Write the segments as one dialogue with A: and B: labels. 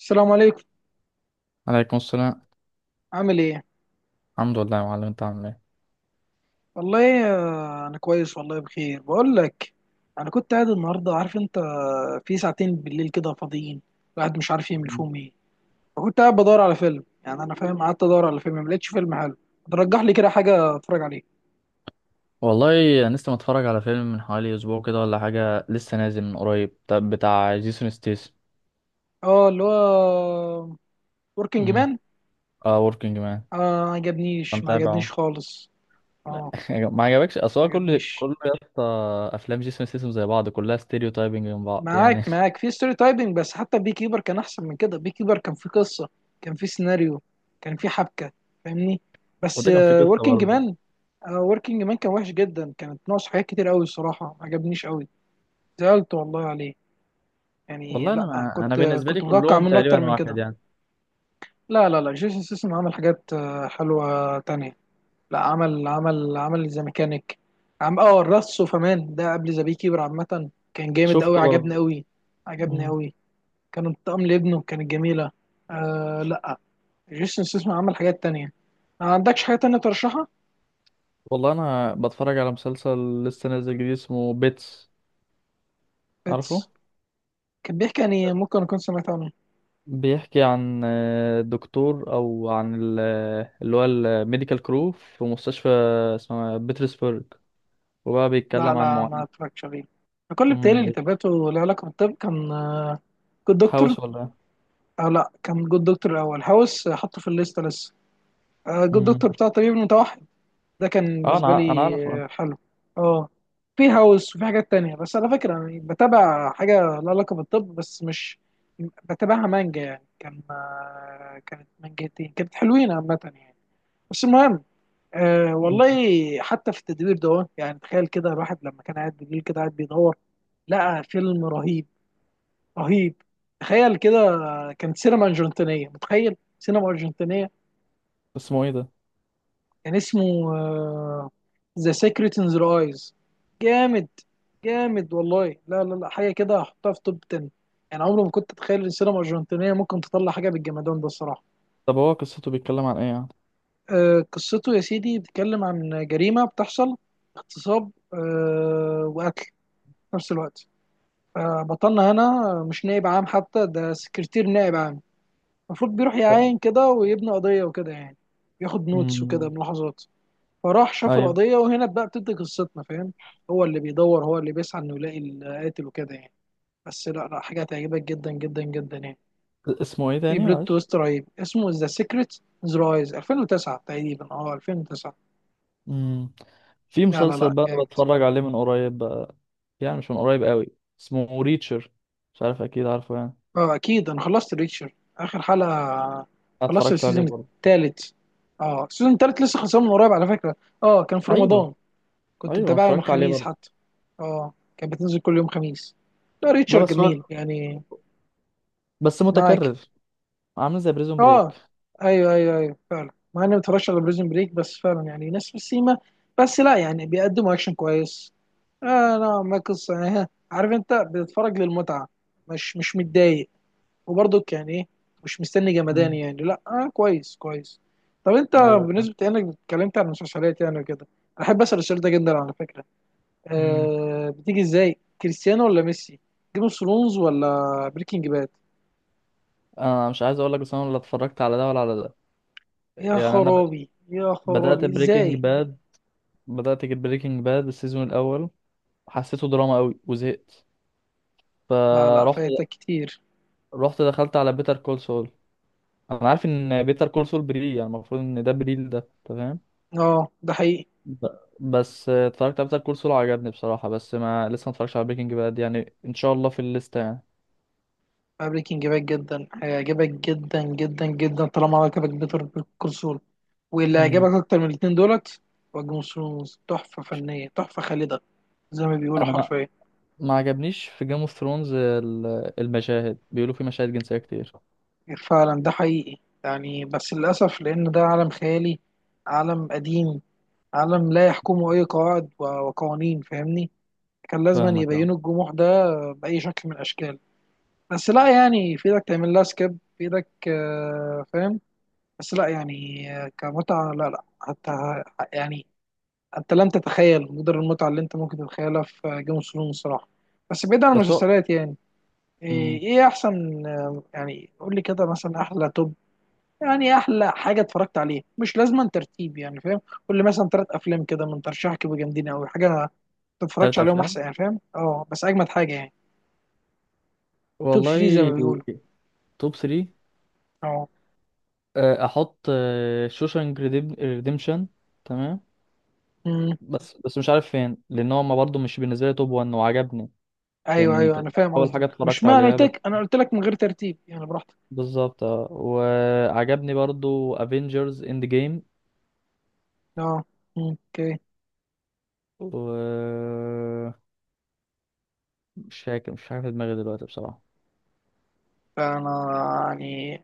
A: السلام عليكم.
B: عليكم السلام.
A: عامل ايه؟
B: الحمد لله يا معلم، انت عامل ايه؟
A: والله انا كويس، والله بخير بقول لك. انا كنت قاعد النهارده، عارف انت، في ساعتين بالليل كده فاضيين، الواحد مش عارف يعمل فيهم ايه. فكنت قاعد بدور على فيلم، يعني انا فاهم، قعدت ادور على فيلم ما لقيتش فيلم حلو. ترجح لي كده حاجه اتفرج عليه.
B: والله انا لسه متفرج على فيلم من حوالي اسبوع كده ولا حاجه، لسه نازل من قريب، طب بتاع جيسون ستيس.
A: اه، اللي هو وركينج
B: امم
A: مان.
B: اه، وركينج مان.
A: اه، ما
B: انت
A: عجبنيش ما عجبنيش
B: متابعه؟
A: خالص. اه،
B: ما عجبكش؟ اصل هو
A: ما
B: كل
A: عجبنيش.
B: كل يا اسطى، افلام جيسون ستيسم زي بعض، كلها ستيريو تايبنج من بعض
A: معاك،
B: يعني.
A: معاك، في ستوري تايبنج، بس حتى بي كيبر كان احسن من كده. بي كيبر كان في قصه، كان في سيناريو، كان في حبكه، فاهمني؟ بس
B: وده كان في قصه
A: وركينج
B: برضه.
A: مان، وركينج مان كان وحش جدا، كانت ناقص حاجات كتير قوي، الصراحه ما عجبنيش قوي. زعلت والله عليه. يعني
B: والله انا
A: لا،
B: ما... انا
A: كنت
B: بالنسبه لي
A: كنت متوقع
B: كلهم
A: منه اكتر
B: تقريبا
A: من
B: واحد
A: كده.
B: يعني.
A: لا لا لا، جيسون سيسم عمل حاجات حلوه تانية. لا، عمل ذا ميكانيك. عم اه الرص وفمان ده قبل ذا بي كيبر، عامه كان جامد قوي،
B: شفته
A: عجبني
B: برضه.
A: قوي. عجبني
B: مم.
A: قوي. كانت بتقام لابنه، كانت جميلة. آه لا، جيسون ستاثام عمل حاجات تانية. ما عندكش حاجة تانية ترشحها؟
B: والله انا بتفرج على مسلسل لسه نازل جديد، اسمه بيتس، عارفه؟
A: بيتس. كان بيحكي يعني، ممكن أكون سمعت عنه.
B: بيحكي عن دكتور، او عن اللي هو الميديكال كرو في مستشفى اسمها بيترسبرج، وبقى
A: لا
B: بيتكلم عن
A: لا، ما
B: معاناة.
A: اتفرجتش عليه أنا. كل بتهيألي
B: أمم،
A: اللي
B: بيت-
A: تابعته له علاقة بالطب كان جود دكتور.
B: هاوس ولا إيه؟
A: أو لا، كان جود دكتور الأول، هاوس حطه في الليستة لسه. جود
B: أمم.
A: دكتور بتاع طبيب متوحد. ده كان
B: اه، انا
A: بالنسبه
B: ع- انا
A: لي
B: عارف، آه.
A: حلو. اه. في هاوس وفي حاجات تانية، بس على فكره يعني بتابع حاجه لها علاقه بالطب، بس مش بتابعها. مانجا يعني، كان كانت مانجتين، كانت حلوين عامه يعني. بس المهم، أه
B: أمم.
A: والله. حتى في التدوير ده، يعني تخيل كده، الواحد لما كان قاعد بالليل كده قاعد بيدور، لقى فيلم رهيب. رهيب. تخيل كده، كان سينما أرجنتينية، متخيل سينما أرجنتينية.
B: اسمه ايه ده؟
A: كان اسمه ذا سيكريت ان ذا ايز. جامد. جامد والله، لا لا لا، حاجه كده هحطها في توب 10. يعني عمري ما كنت اتخيل ان السينما الارجنتينيه ممكن تطلع حاجه بالجمدان ده الصراحه.
B: طب هو قصته بيتكلم عن ايه يعني؟
A: قصته يا سيدي بتتكلم عن جريمه بتحصل، اغتصاب وقتل في نفس الوقت. بطلنا هنا مش نائب عام حتى، ده سكرتير نائب عام، المفروض بيروح
B: لا.
A: يعاين كده ويبني قضيه وكده يعني، ياخد نوتس وكده،
B: أمم.
A: ملاحظات. فراح شاف
B: ايوه.
A: القضية، وهنا بقى بتبدأ قصتنا، فاهم؟ هو اللي بيدور، هو اللي بيسعى انه يلاقي القاتل وكده يعني. بس لا لا، حاجة هتعجبك جدا جدا جدا يعني.
B: اسمه ايه
A: في
B: تاني
A: بلوت
B: معلش؟
A: تويست رهيب، اسمه ذا سيكريت ذا رايز، 2009 تقريبا، اه 2009.
B: أمم. في
A: لا لا
B: مسلسل
A: لا،
B: بقى أنا
A: جامد.
B: بتفرج عليه من قريب بقى، يعني مش من قريب قوي، اسمه ريتشر، مش عارف اكيد عارفه يعني.
A: اه، اكيد، انا خلصت ريتشر اخر حلقة.
B: أنا
A: خلصت
B: اتفرجت عليه
A: السيزون
B: برضه.
A: التالت. اه، السيزون التالت لسه خلصان من قريب على فكرة. اه، كان في
B: ايوه،
A: رمضان، كنت
B: ايوه، أنا
A: متابعها من
B: اتفرجت عليه
A: الخميس
B: برضه.
A: حتى. اه، كانت بتنزل كل يوم خميس. لا،
B: لا،
A: ريتشر
B: بس هو
A: جميل يعني.
B: بس
A: معاك.
B: متكرر، عامل زي بريزون بريك.
A: اه. ايوه ايوه ايوه، فعلا، مع اني ما اتفرجتش على بريزن بريك، بس فعلا يعني ناس في السيما. بس لا يعني بيقدموا اكشن كويس. آه. لا، ما قصه يعني، ها، عارف انت بتتفرج للمتعه، مش مش متضايق، وبرضك يعني ايه، مش مستني جمدان
B: مم.
A: يعني. لا آه، كويس كويس. طب انت
B: ايوه، فاهم.
A: بالنسبه، يعني انك اتكلمت عن المسلسلات يعني وكده، أنا احب اسال السؤال ده جدا على فكره.
B: مم.
A: آه بتيجي ازاي، كريستيانو ولا ميسي، جيم اوف ثرونز ولا بريكنج باد؟
B: انا مش عايز اقول لك، بس انا ولا اتفرجت على ده ولا على ده.
A: يا
B: يعني انا بد-
A: خرابي، يا
B: بدات
A: خرابي،
B: بريكنج
A: ازاي؟
B: باد، بدات كده بريكنج باد السيزون الاول، حسيته دراما قوي وزهقت.
A: لا لا،
B: فرحت
A: فايتك كتير.
B: رحت دخلت على بيتر كول سول. انا عارف ان بيتر كول سول بري، يعني المفروض ان ده بري، ده تمام.
A: اه ده حقيقي.
B: ب- بس اتفرجت على بيتر كول سول وعجبني بصراحه، بس ما لسه ما اتفرجتش على بريكنج باد، يعني ان شاء الله في الليسته يعني.
A: بريكنج باد جدا هيعجبك، جدا جدا جدا، طالما عجبك بيتر كونسول. واللي
B: مم.
A: هيعجبك اكتر من الاتنين دولت، هو جيم اوف ثرونز. تحفة فنية، تحفة خالدة، زي ما بيقولوا
B: انا
A: حرفيا.
B: ما عجبنيش في جيم اوف ثرونز، المشاهد بيقولوا في مشاهد جنسية كتير.
A: فعلا ده حقيقي يعني، بس للأسف، لأن ده عالم خيالي، عالم قديم، عالم لا يحكمه أي قواعد وقوانين، فاهمني؟ كان لازم
B: فاهمك اه.
A: يبينوا الجموح ده بأي شكل من الأشكال. بس لا يعني، في إيدك تعمل لها سكيب، في إيدك فاهم؟ بس لا يعني، كمتعة لا لا حتى، يعني أنت لم تتخيل مقدار المتعة اللي أنت ممكن تتخيلها في جيم اوف ثرونز الصراحة. بس بعيد عن
B: بس هو.
A: المسلسلات يعني،
B: مم.
A: إيه إيه أحسن، يعني قول لي كده مثلا أحلى توب، يعني أحلى حاجة اتفرجت عليها، مش لازما ترتيب يعني، فاهم؟ قول لي مثلا تلات أفلام كده من ترشيحك يبقوا جامدين أوي، حاجة ما تتفرجش
B: تلات
A: عليهم
B: افلام.
A: أحسن يعني، فاهم؟ أه، بس أجمد حاجة يعني. توب 3 زي ما
B: والله،
A: بيقولوا.
B: توب 3،
A: أه.
B: احط شوشانك ريديمشن، تمام.
A: أمم.
B: بس مش عارف فين، لان هو ما برضه مش بالنسبه لي توب 1، وعجبني،
A: أيوه
B: لان
A: أيوه، أنا
B: تقريباً
A: فاهم
B: اول حاجه
A: قصدك، مش
B: اتفرجت
A: ما أنا
B: عليها
A: قلت
B: بس،
A: لك، أنا قلت لك من غير ترتيب يعني، براحتك.
B: بالظبط آه. وعجبني برضه افنجرز اند جيم.
A: اه. مم، اوكي.
B: و مش فاكر، مش عارف دماغي دلوقتي بصراحه.
A: فانا يعني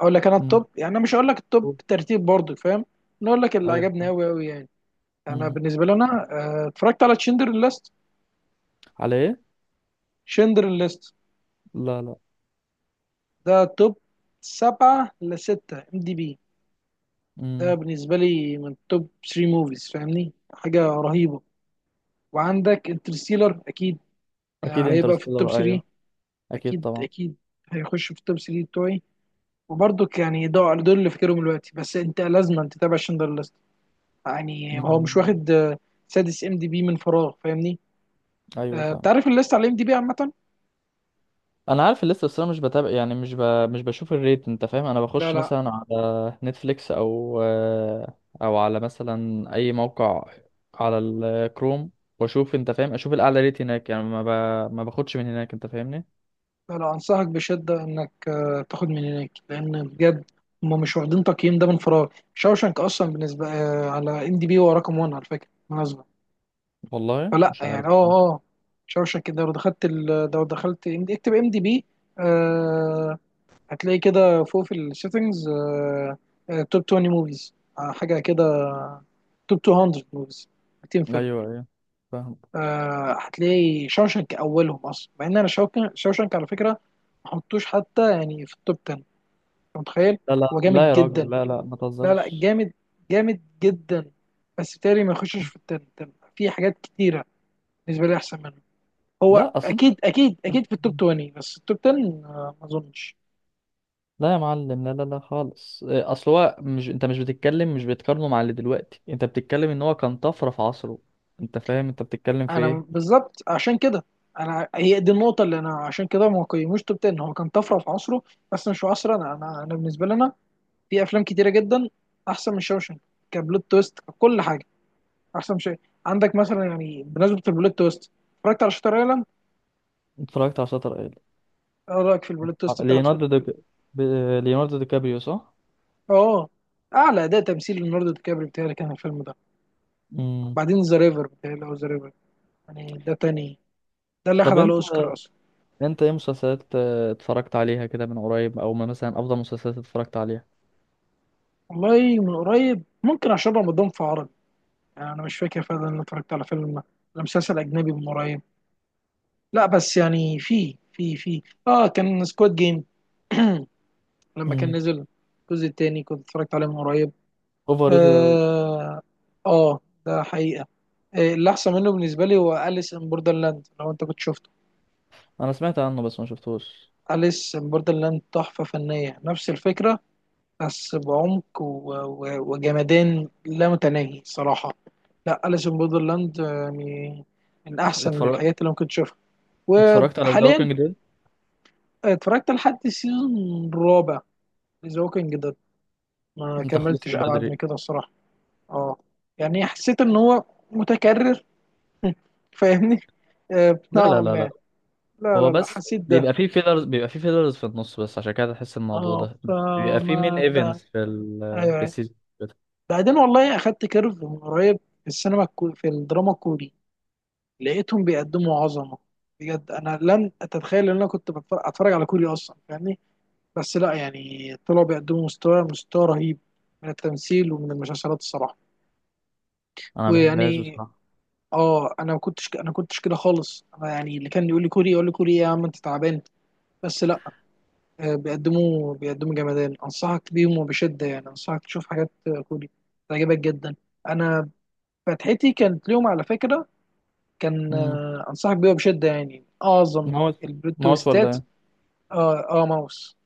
A: اقول لك، انا
B: مم.
A: التوب يعني، انا مش هقول لك التوب ترتيب برضو، فاهم؟ انا اقول لك اللي عجبني
B: ايوه.
A: قوي قوي يعني. انا
B: مم.
A: بالنسبه لي انا اتفرجت على تشندر ليست.
B: على ايه؟
A: تشندر ليست،
B: لا، لا.
A: ده توب سبعة لستة ام دي بي. ده
B: مم.
A: بالنسبه لي من توب 3 موفيز، فاهمني، حاجه رهيبه. وعندك انترستيلر اكيد،
B: اكيد
A: يعني هيبقى في التوب
B: انترستيلر،
A: 3.
B: ايوه، اكيد
A: اكيد
B: طبعا.
A: اكيد، هيخش في التوب 3 بتوعي. وبرضك يعني، دول اللي فاكرهم دلوقتي. بس انت لازم تتابع شندر، يعني هو مش
B: مم.
A: واخد سادس ام دي بي من فراغ، فاهمني؟
B: ايوه،
A: انت
B: فاهم.
A: عارف الليست على الام دي بي عامه.
B: انا عارف الليسته، بس انا مش بتابع يعني، مش بشوف الريت، انت فاهم، انا
A: لا
B: بخش
A: لا
B: مثلا على نتفليكس او على مثلا اي موقع على الكروم، واشوف، انت فاهم، اشوف الاعلى ريت هناك، يعني ما باخدش من هناك، انت فاهمني.
A: لا لا، انصحك بشده انك تاخد من هناك، لان بجد هم مش واخدين تقييم ده من فراغ. شاوشانك اصلا بالنسبه على ام دي بي هو رقم 1 على فكره، بالمناسبه.
B: والله
A: فلا
B: مش عارف.
A: يعني، اه اه، شاوشانك ده، لو دخلت لو دخلت اكتب ام دي بي، هتلاقي كده فوق في السيتنجز، توب 20 موفيز، حاجه كده، توب 200 موفيز، 200 فيلم.
B: ايوه، ايوه، فاهم.
A: آه هتلاقي شوشنك اولهم اصلا. مع ان انا شوشنك، شوشنك على فكره ما حطوش حتى يعني في التوب 10، انت متخيل؟
B: لا لا
A: هو
B: لا
A: جامد
B: يا راجل،
A: جدا،
B: لا لا ما
A: لا لا
B: تهزرش.
A: جامد، جامد جدا. بس بالتالي ما يخشش في التن تن. في حاجات كتيره بالنسبه لي احسن منه. هو
B: لا، اصلا.
A: اكيد اكيد اكيد في التوب 20، بس التوب 10 آه ما اظنش.
B: لا يا معلم، لا لا لا خالص، إيه، اصل هو مش، انت مش بتتكلم، مش بتقارنه مع اللي دلوقتي، انت بتتكلم ان هو كان طفره في عصره، انت فاهم انت بتتكلم في
A: انا
B: ايه.
A: بالظبط عشان كده، انا هي دي النقطه اللي، انا عشان كده ما قيموش توب 10، هو كان طفره في عصره بس مش في عصرنا. انا بالنسبه لنا، في افلام كتيره جدا احسن من شوشنك، كبلوت تويست، ككل حاجه، احسن شيء. عندك مثلا يعني بمناسبه البلوت تويست، اتفرجت على شاتر ايلاند.
B: اتفرجت على شاتر ايلاند.
A: ايه رايك في البلوت
B: آه،
A: تويست بتاعته؟
B: ليوناردو دي ليوناردو دي كابريو، صح.
A: اه، اعلى اداء تمثيل ليوناردو دي كابري بتاعي كان الفيلم ده.
B: امم.
A: بعدين ذا ريفر بتاعي، او ذا ريفر، يعني ده تاني، ده اللي اخد
B: طب
A: على
B: انت
A: اوسكار اصلا.
B: انت ايه مسلسلات اتفرجت عليها كده من قريب، او ما مثلا افضل مسلسلات اتفرجت عليها.
A: والله من قريب، ممكن عشان رمضان في عربي يعني، انا مش فاكر فعلا ان أنا اتفرجت على فيلم ولا مسلسل اجنبي من قريب. لا بس يعني، في اه، كان سكواد جيم، لما كان
B: امم.
A: نزل الجزء التاني، كنت اتفرجت عليه من قريب.
B: اوفر ريتد اوي.
A: اه. آه، ده حقيقة. اللي احسن منه بالنسبة لي هو أليس ان بوردرلاند، لو انت كنت شفته.
B: انا سمعت عنه بس ما شفتوش.
A: أليس ان بوردرلاند تحفة فنية، نفس الفكرة بس بعمق وجمدان لا متناهي صراحة. لا، أليس ان بوردرلاند من من احسن
B: اتفرج...
A: الحاجات اللي ممكن تشوفها.
B: اتفرجت على ذا
A: وحاليا،
B: ووكينج ديد.
A: اتفرجت لحد السيزون الرابع ذا ووكينج ديد، ما
B: انت خلصت
A: كملتش ابعد من
B: بدري.
A: كده الصراحة. اه، يعني حسيت ان هو متكرر، فاهمني؟
B: لا لا
A: نوعا
B: لا لا.
A: ما. لا
B: هو
A: لا لا،
B: بس
A: حسيت ده.
B: بيبقى فيه فيلرز، بيبقى فيه فيلرز في النص، بس عشان كده تحس الموضوع
A: اه،
B: ده، بس بيبقى فيه مين
A: فما بتاع.
B: ايفنتس
A: ايوه.
B: في
A: أيوة.
B: السيزون.
A: بعدين والله اخدت كيرف من قريب في في الدراما الكوري، لقيتهم بيقدموا عظمه. بجد، انا لن اتخيل ان انا كنت اتفرج على كوري اصلا، فاهمني؟ بس لا يعني طلعوا بيقدموا مستوى رهيب من التمثيل ومن المسلسلات الصراحه.
B: انا ما بحبهاش
A: ويعني،
B: بصراحه.
A: اه، انا ما كنتش، انا كنتش كده خالص، انا يعني اللي كان يقول لي كوري، يقول لي كوري إيه يا عم، انت تعبان. بس لا، بيقدموا جمدان، انصحك بيهم وبشده يعني، انصحك تشوف حاجات كوري، تعجبك جدا. انا فتحتي كانت ليهم على فكره، كان
B: امم.
A: انصحك بيها بشده، يعني اعظم
B: ماوس.
A: البلوت
B: ماوس ولا
A: تويستات.
B: ايه؟
A: اه اه، ماوس.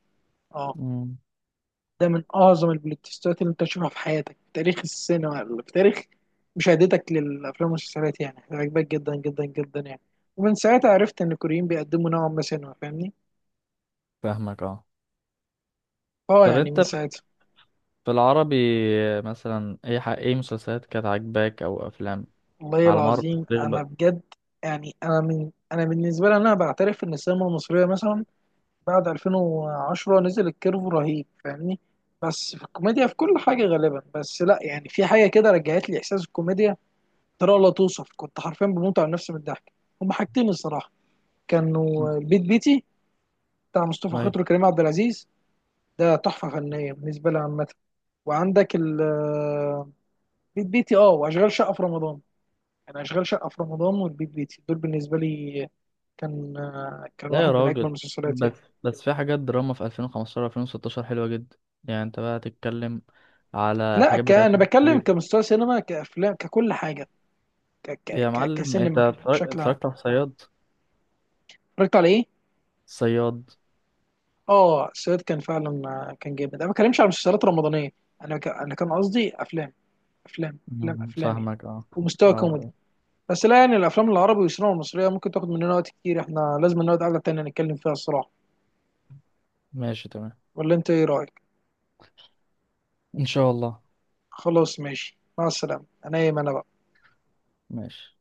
A: اه،
B: امم.
A: ده من اعظم البلوتستات اللي انت تشوفها في حياتك، في تاريخ السينما، في تاريخ مشاهدتك للافلام والمسلسلات، يعني عجبك جدا جدا جدا يعني. ومن ساعتها عرفت ان الكوريين بيقدموا نوعا ما سينما، فاهمني؟
B: فاهمك اه.
A: اه
B: طب
A: يعني
B: انت،
A: من
B: في
A: ساعتها.
B: في العربي، مثلا ايه مسلسلات كانت عاجباك او افلام،
A: والله
B: على مر
A: العظيم
B: التاريخ
A: انا
B: بقى.
A: بجد، يعني انا بالنسبه لي، انا بعترف ان السينما المصريه مثلا بعد 2010 نزل الكيرف رهيب، فاهمني؟ بس في الكوميديا، في كل حاجه غالبا. بس لا يعني، في حاجه كده رجعت لي احساس الكوميديا طريقه لا توصف، كنت حرفيا بموت على نفسي من الضحك. هما حاجتين الصراحه، كانوا
B: مم.
A: البيت بيتي بتاع مصطفى
B: ايوه.
A: خاطر وكريم عبد العزيز، ده تحفه فنيه بالنسبه لي عامه. وعندك البيت بيتي، اه، واشغال شقه في رمضان، يعني اشغال شقه في رمضان والبيت بيتي دول بالنسبه لي كان كان
B: لا يا
A: واحد من اجمل
B: راجل.
A: المسلسلات
B: بس
A: يعني.
B: بس في حاجات دراما في 2015 2016 حلوه جدا، يعني انت بقى تتكلم على
A: لا
B: الحاجات بتاعت
A: انا
B: يوسف
A: بتكلم
B: شريف.
A: كمستوى سينما، كافلام، ككل حاجه،
B: يا معلم، انت
A: كسينما بشكل عام.
B: اتفرجت على الصياد؟
A: اتفرجت على ايه؟
B: صياد.
A: اه السويد كان فعلا كان جامد. انا ما بتكلمش على مسلسلات رمضانيه، انا انا كان قصدي افلام، افلام افلام
B: مم،
A: افلام يعني،
B: فاهمك اه.
A: ومستوى كوميدي.
B: اه.
A: بس لا يعني الافلام العربي والسينما المصريه ممكن تاخد مننا وقت كتير، احنا لازم نقعد قعده تانية نتكلم فيها الصراحه.
B: ماشي، تمام.
A: ولا انت ايه رايك؟
B: ان شاء الله.
A: خلاص ماشي، مع السلامه. انا ايمن أنا بقى.
B: ماشي.